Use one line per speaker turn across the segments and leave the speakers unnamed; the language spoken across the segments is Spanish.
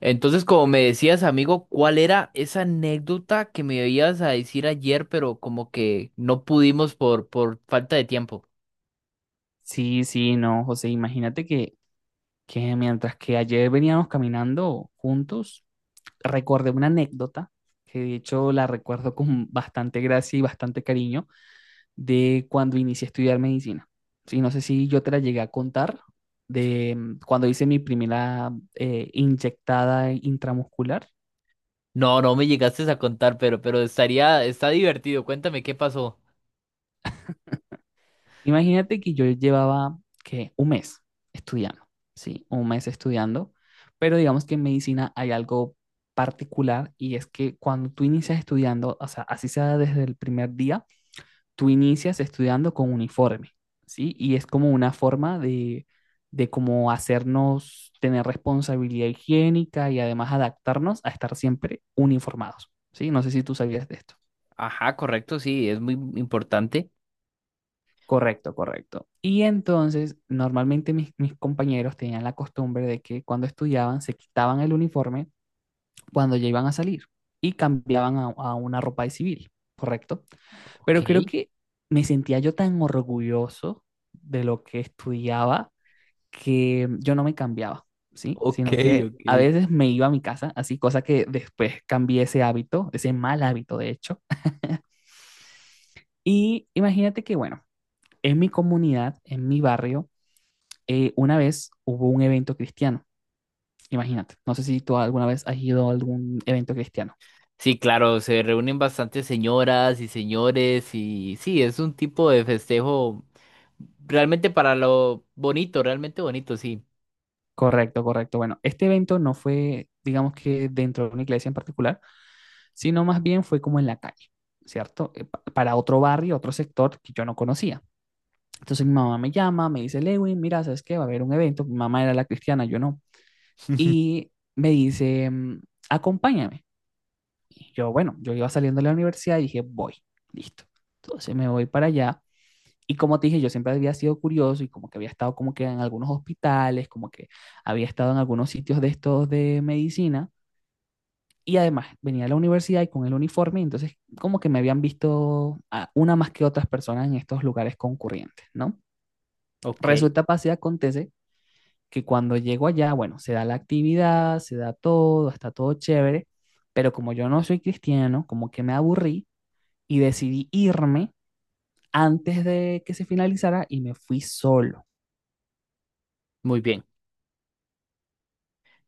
Entonces, como me decías, amigo, ¿cuál era esa anécdota que me ibas a decir ayer, pero como que no pudimos por falta de tiempo?
Sí, sí, no, José, imagínate que mientras que ayer veníamos caminando juntos, recordé una anécdota, que de hecho la recuerdo con bastante gracia y bastante cariño, de cuando inicié a estudiar medicina. Sí, no sé si yo te la llegué a contar, de cuando hice mi primera inyectada intramuscular.
No, no me llegaste a contar, pero estaría, está divertido. Cuéntame qué pasó.
Imagínate que yo llevaba que un mes estudiando, sí, un mes estudiando, pero digamos que en medicina hay algo particular y es que cuando tú inicias estudiando, o sea, así sea desde el primer día, tú inicias estudiando con uniforme, sí, y es como una forma de cómo hacernos tener responsabilidad higiénica y además adaptarnos a estar siempre uniformados, sí. No sé si tú sabías de esto.
Ajá, correcto, sí, es muy importante.
Correcto, correcto. Y entonces, normalmente mis compañeros tenían la costumbre de que cuando estudiaban se quitaban el uniforme cuando ya iban a salir y cambiaban a una ropa de civil, ¿correcto?
Ok,
Pero creo que me sentía yo tan orgulloso de lo que estudiaba que yo no me cambiaba, ¿sí?
ok,
Sino que
ok.
a veces me iba a mi casa, así, cosa que después cambié ese hábito, ese mal hábito, de hecho. Y imagínate que, bueno, en mi comunidad, en mi barrio, una vez hubo un evento cristiano, imagínate, no sé si tú alguna vez has ido a algún evento cristiano.
Sí, claro, se reúnen bastantes señoras y señores y sí, es un tipo de festejo realmente para lo bonito, realmente bonito, sí.
Correcto, correcto. Bueno, este evento no fue, digamos que dentro de una iglesia en particular, sino más bien fue como en la calle, ¿cierto? Para otro barrio, otro sector que yo no conocía. Entonces mi mamá me llama, me dice, Lewin, mira, ¿sabes qué? Va a haber un evento. Mi mamá era la cristiana, yo no. Y me dice, acompáñame. Y yo, bueno, yo iba saliendo de la universidad y dije, voy, listo. Entonces me voy para allá. Y como te dije, yo siempre había sido curioso y como que había estado como que en algunos hospitales, como que había estado en algunos sitios de estos de medicina. Y además venía a la universidad y con el uniforme, entonces como que me habían visto a una más que otras personas en estos lugares concurrentes, ¿no?
Ok,
Resulta, pasa y acontece que cuando llego allá, bueno, se da la actividad, se da todo, está todo chévere, pero como yo no soy cristiano, como que me aburrí y decidí irme antes de que se finalizara y me fui solo.
muy bien.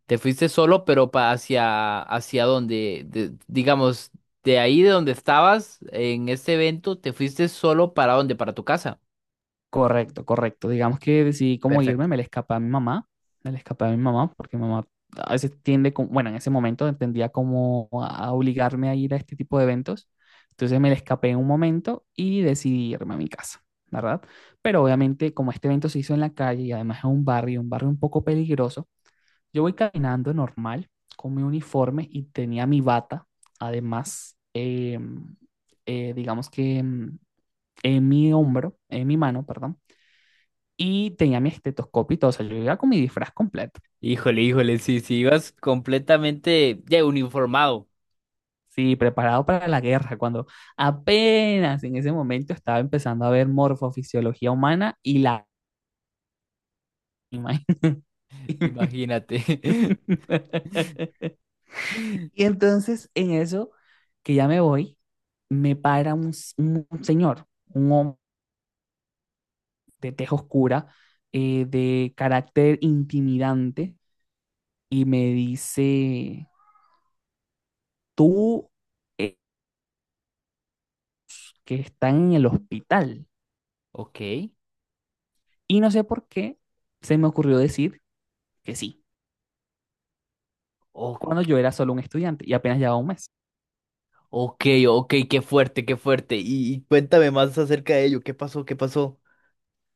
Te fuiste solo, pero hacia, hacia donde, digamos, de ahí de donde estabas en este evento, te fuiste solo para dónde, para tu casa.
Correcto, correcto. Digamos que decidí cómo irme,
Perfecto.
me le escapé a mi mamá, me le escapé a mi mamá, porque mi mamá a veces tiende, bueno, en ese momento entendía como a obligarme a ir a este tipo de eventos. Entonces me le escapé en un momento y decidí irme a mi casa, ¿verdad? Pero obviamente como este evento se hizo en la calle y además es un barrio, un barrio un poco peligroso, yo voy caminando normal con mi uniforme y tenía mi bata, además, digamos que en mi hombro, en mi mano, perdón, y tenía mi estetoscopio y todo, o sea, yo iba con mi disfraz completo,
Híjole, híjole, sí, sí, ibas completamente ya uniformado.
sí, preparado para la guerra, cuando apenas en ese momento estaba empezando a ver morfofisiología humana y la.
Imagínate.
Y entonces en eso, que ya me voy, me para un señor, un hombre de tez oscura, de carácter intimidante, y me dice, tú eh, que estás en el hospital.
Ok,
Y no sé por qué se me ocurrió decir que sí,
o-
cuando yo era solo un estudiante y apenas llevaba un mes.
ok, ok, qué fuerte, qué fuerte. Y cuéntame más acerca de ello, ¿qué pasó, qué pasó?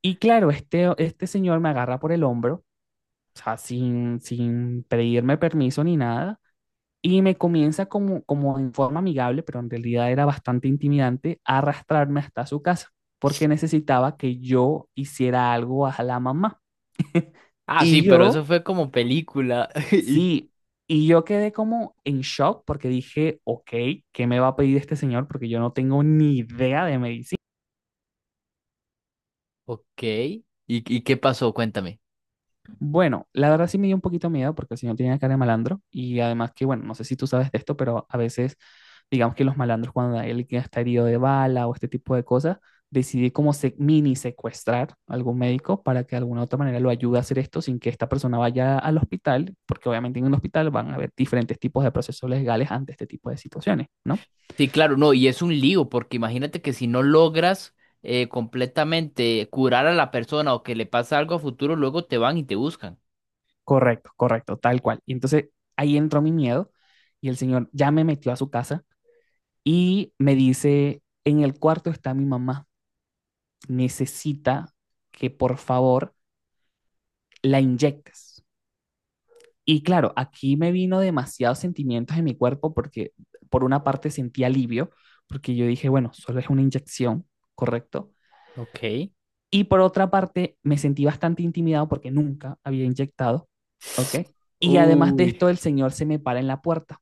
Y claro, este señor me agarra por el hombro, o sea, sin pedirme permiso ni nada, y me comienza como en forma amigable, pero en realidad era bastante intimidante, a arrastrarme hasta su casa, porque necesitaba que yo hiciera algo a la mamá.
Ah, sí,
Y
pero
yo,
eso fue como película.
sí, y yo quedé como en shock porque dije, ok, ¿qué me va a pedir este señor? Porque yo no tengo ni idea de medicina.
Ok, y qué pasó? Cuéntame.
Bueno, la verdad sí me dio un poquito miedo porque el señor tenía cara de malandro y además que, bueno, no sé si tú sabes de esto, pero a veces, digamos que los malandros cuando hay alguien que está herido de bala o este tipo de cosas, decide como mini secuestrar a algún médico para que de alguna u otra manera lo ayude a hacer esto sin que esta persona vaya al hospital, porque obviamente en un hospital van a haber diferentes tipos de procesos legales ante este tipo de situaciones, ¿no?
Sí, claro, no, y es un lío, porque imagínate que si no logras completamente curar a la persona o que le pasa algo a futuro, luego te van y te buscan.
Correcto, correcto, tal cual. Y entonces ahí entró mi miedo y el señor ya me metió a su casa. Y me dice, en el cuarto está mi mamá, necesita que por favor la inyectes. Y claro, aquí me vino demasiados sentimientos en mi cuerpo porque por una parte sentí alivio, porque yo dije, bueno, solo es una inyección, ¿correcto?
Ok.
Y por otra parte me sentí bastante intimidado porque nunca había inyectado, ¿ok? Y además de
Uy.
esto, el señor se me para en la puerta.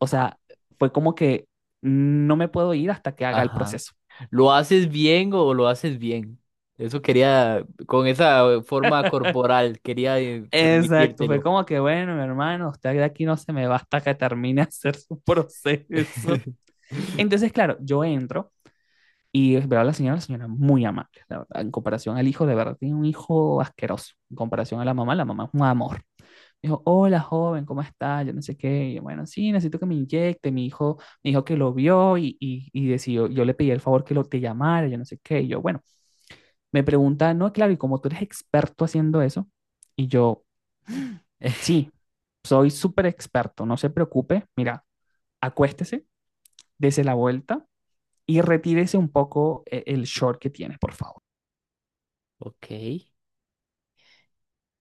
O
a-
sea, fue como que no me puedo ir hasta que haga el
Ajá.
proceso.
¿Lo haces bien o lo haces bien? Eso quería, con esa forma corporal, quería
Exacto, fue
transmitírtelo.
como que bueno, mi hermano, usted de aquí no se me va hasta que termine de hacer su proceso. Entonces, claro, yo entro y veo a la señora muy amable, la verdad, en comparación al hijo, de verdad, tiene un hijo asqueroso. En comparación a la mamá es un amor. Dijo, hola joven, ¿cómo está? Yo no sé qué. Y yo, bueno, sí, necesito que me inyecte. Mi hijo me dijo que lo vio y, y decidió, yo le pedí el favor que lo te llamara, yo no sé qué. Y yo, bueno, me pregunta, no, claro, y como tú eres experto haciendo eso, y yo, sí, soy súper experto, no se preocupe. Mira, acuéstese, dese la vuelta y retírese un poco el short que tiene, por favor.
Ok.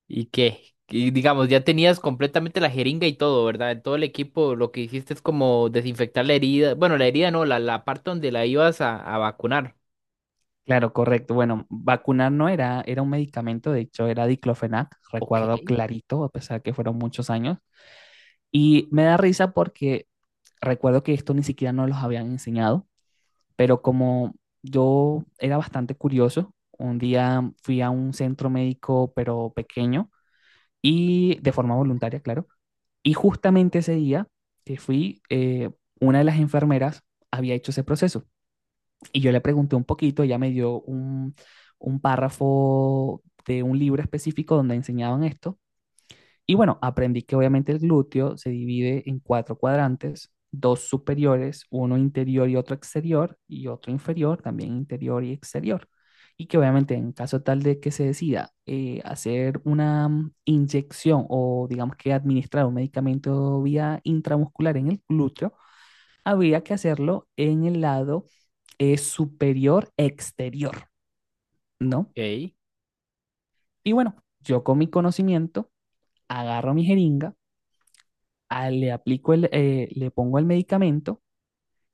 ¿Y qué? Y digamos, ya tenías completamente la jeringa y todo, ¿verdad? En todo el equipo lo que hiciste es como desinfectar la herida. Bueno, la herida no, la parte donde la ibas a vacunar.
Claro, correcto. Bueno, vacunar no era, era un medicamento, de hecho era diclofenac,
Ok,
recuerdo clarito, a pesar que fueron muchos años. Y me da risa porque recuerdo que esto ni siquiera nos los habían enseñado, pero como yo era bastante curioso, un día fui a un centro médico, pero pequeño, y de forma voluntaria, claro. Y justamente ese día que fui, una de las enfermeras había hecho ese proceso y yo le pregunté un poquito, ella me dio un párrafo de un libro específico donde enseñaban esto y bueno, aprendí que obviamente el glúteo se divide en cuatro cuadrantes, dos superiores, uno interior y otro exterior, y otro inferior, también interior y exterior. Y que obviamente en caso tal de que se decida hacer una inyección o digamos que administrar un medicamento vía intramuscular en el glúteo, habría que hacerlo en el lado superior exterior, ¿no?
ok.
Y bueno, yo con mi conocimiento agarro mi jeringa, ah, le pongo el medicamento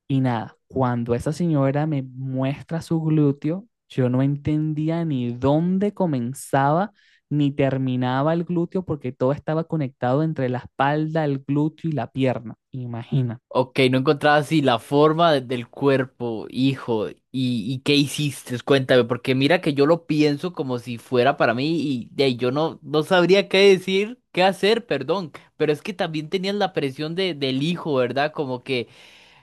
y nada, cuando esa señora me muestra su glúteo, yo no entendía ni dónde comenzaba ni terminaba el glúteo porque todo estaba conectado entre la espalda, el glúteo y la pierna. Imagínate.
Ok, no encontraba así la forma del cuerpo, hijo. Y qué hiciste? Cuéntame, porque mira que yo lo pienso como si fuera para mí y, de ahí yo no, no sabría qué decir, qué hacer, perdón. Pero es que también tenías la presión del hijo, ¿verdad? Como que...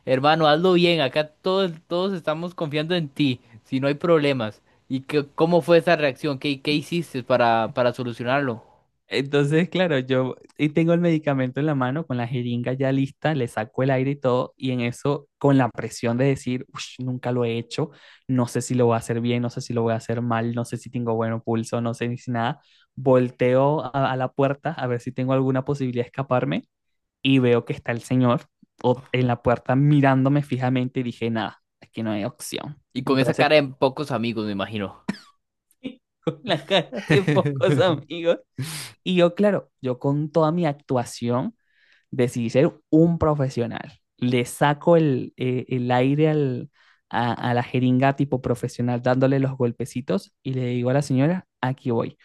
Hermano, hazlo bien. Acá todos, todos estamos confiando en ti. Si no hay problemas. ¿Y qué, cómo fue esa reacción? ¿Qué, qué hiciste para solucionarlo?
Entonces, claro, yo y tengo el medicamento en la mano, con la jeringa ya lista, le saco el aire y todo, y en eso, con la presión de decir, "Ush, nunca lo he hecho, no sé si lo voy a hacer bien, no sé si lo voy a hacer mal, no sé si tengo buen pulso, no sé ni si nada, volteo a la puerta a ver si tengo alguna posibilidad de escaparme y veo que está el señor en la puerta mirándome fijamente y dije, nada, aquí no hay opción.
Y con esa
Entonces,
cara en pocos amigos, me imagino.
con la cara de pocos amigos. Y yo, claro, yo con toda mi actuación decidí ser un profesional. Le saco el aire la jeringa tipo profesional dándole los golpecitos y le digo a la señora, aquí voy.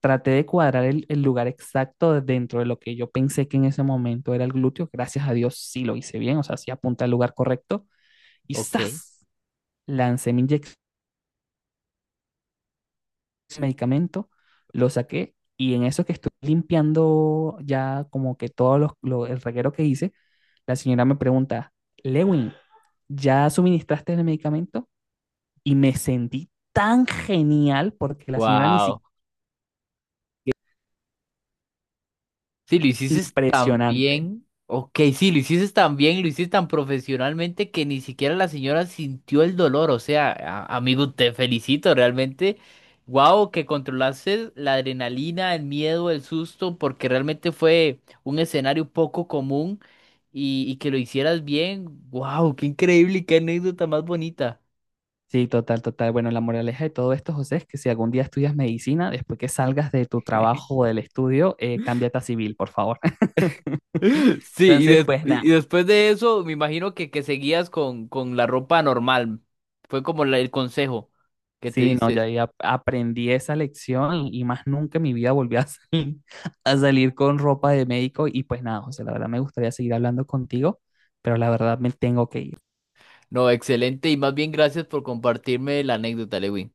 Traté de cuadrar el lugar exacto dentro de lo que yo pensé que en ese momento era el glúteo. Gracias a Dios sí lo hice bien, o sea, sí apunté al lugar correcto. Y
Ok.
¡zas! Lancé mi inyección ese medicamento, lo saqué y en eso que estoy limpiando ya como que el reguero que hice, la señora me pregunta, Lewin, ¿ya suministraste el medicamento? Y me sentí tan genial porque la señora ni
Wow.
siquiera.
Sí, lo hiciste tan
Impresionante.
bien. Ok, sí, lo hiciste tan bien, lo hiciste tan profesionalmente que ni siquiera la señora sintió el dolor. O sea, amigo, te felicito realmente. Wow, que controlaste la adrenalina, el miedo, el susto, porque realmente fue un escenario poco común y que lo hicieras bien. Wow, qué increíble y qué anécdota más bonita.
Sí, total, total. Bueno, la moraleja de todo esto, José, es que si algún día estudias medicina, después que salgas de tu trabajo o del estudio, cámbiate a civil, por favor.
Sí, y,
Entonces, pues
y
nada.
después de eso, me imagino que seguías con la ropa normal. Fue como el consejo que te
Sí, no, ya
dices.
ahí aprendí esa lección y más nunca en mi vida volví a salir, a salir con ropa de médico y pues nada, José, la verdad me gustaría seguir hablando contigo, pero la verdad me tengo que ir.
No, excelente y más bien gracias por compartirme la anécdota, Lewin.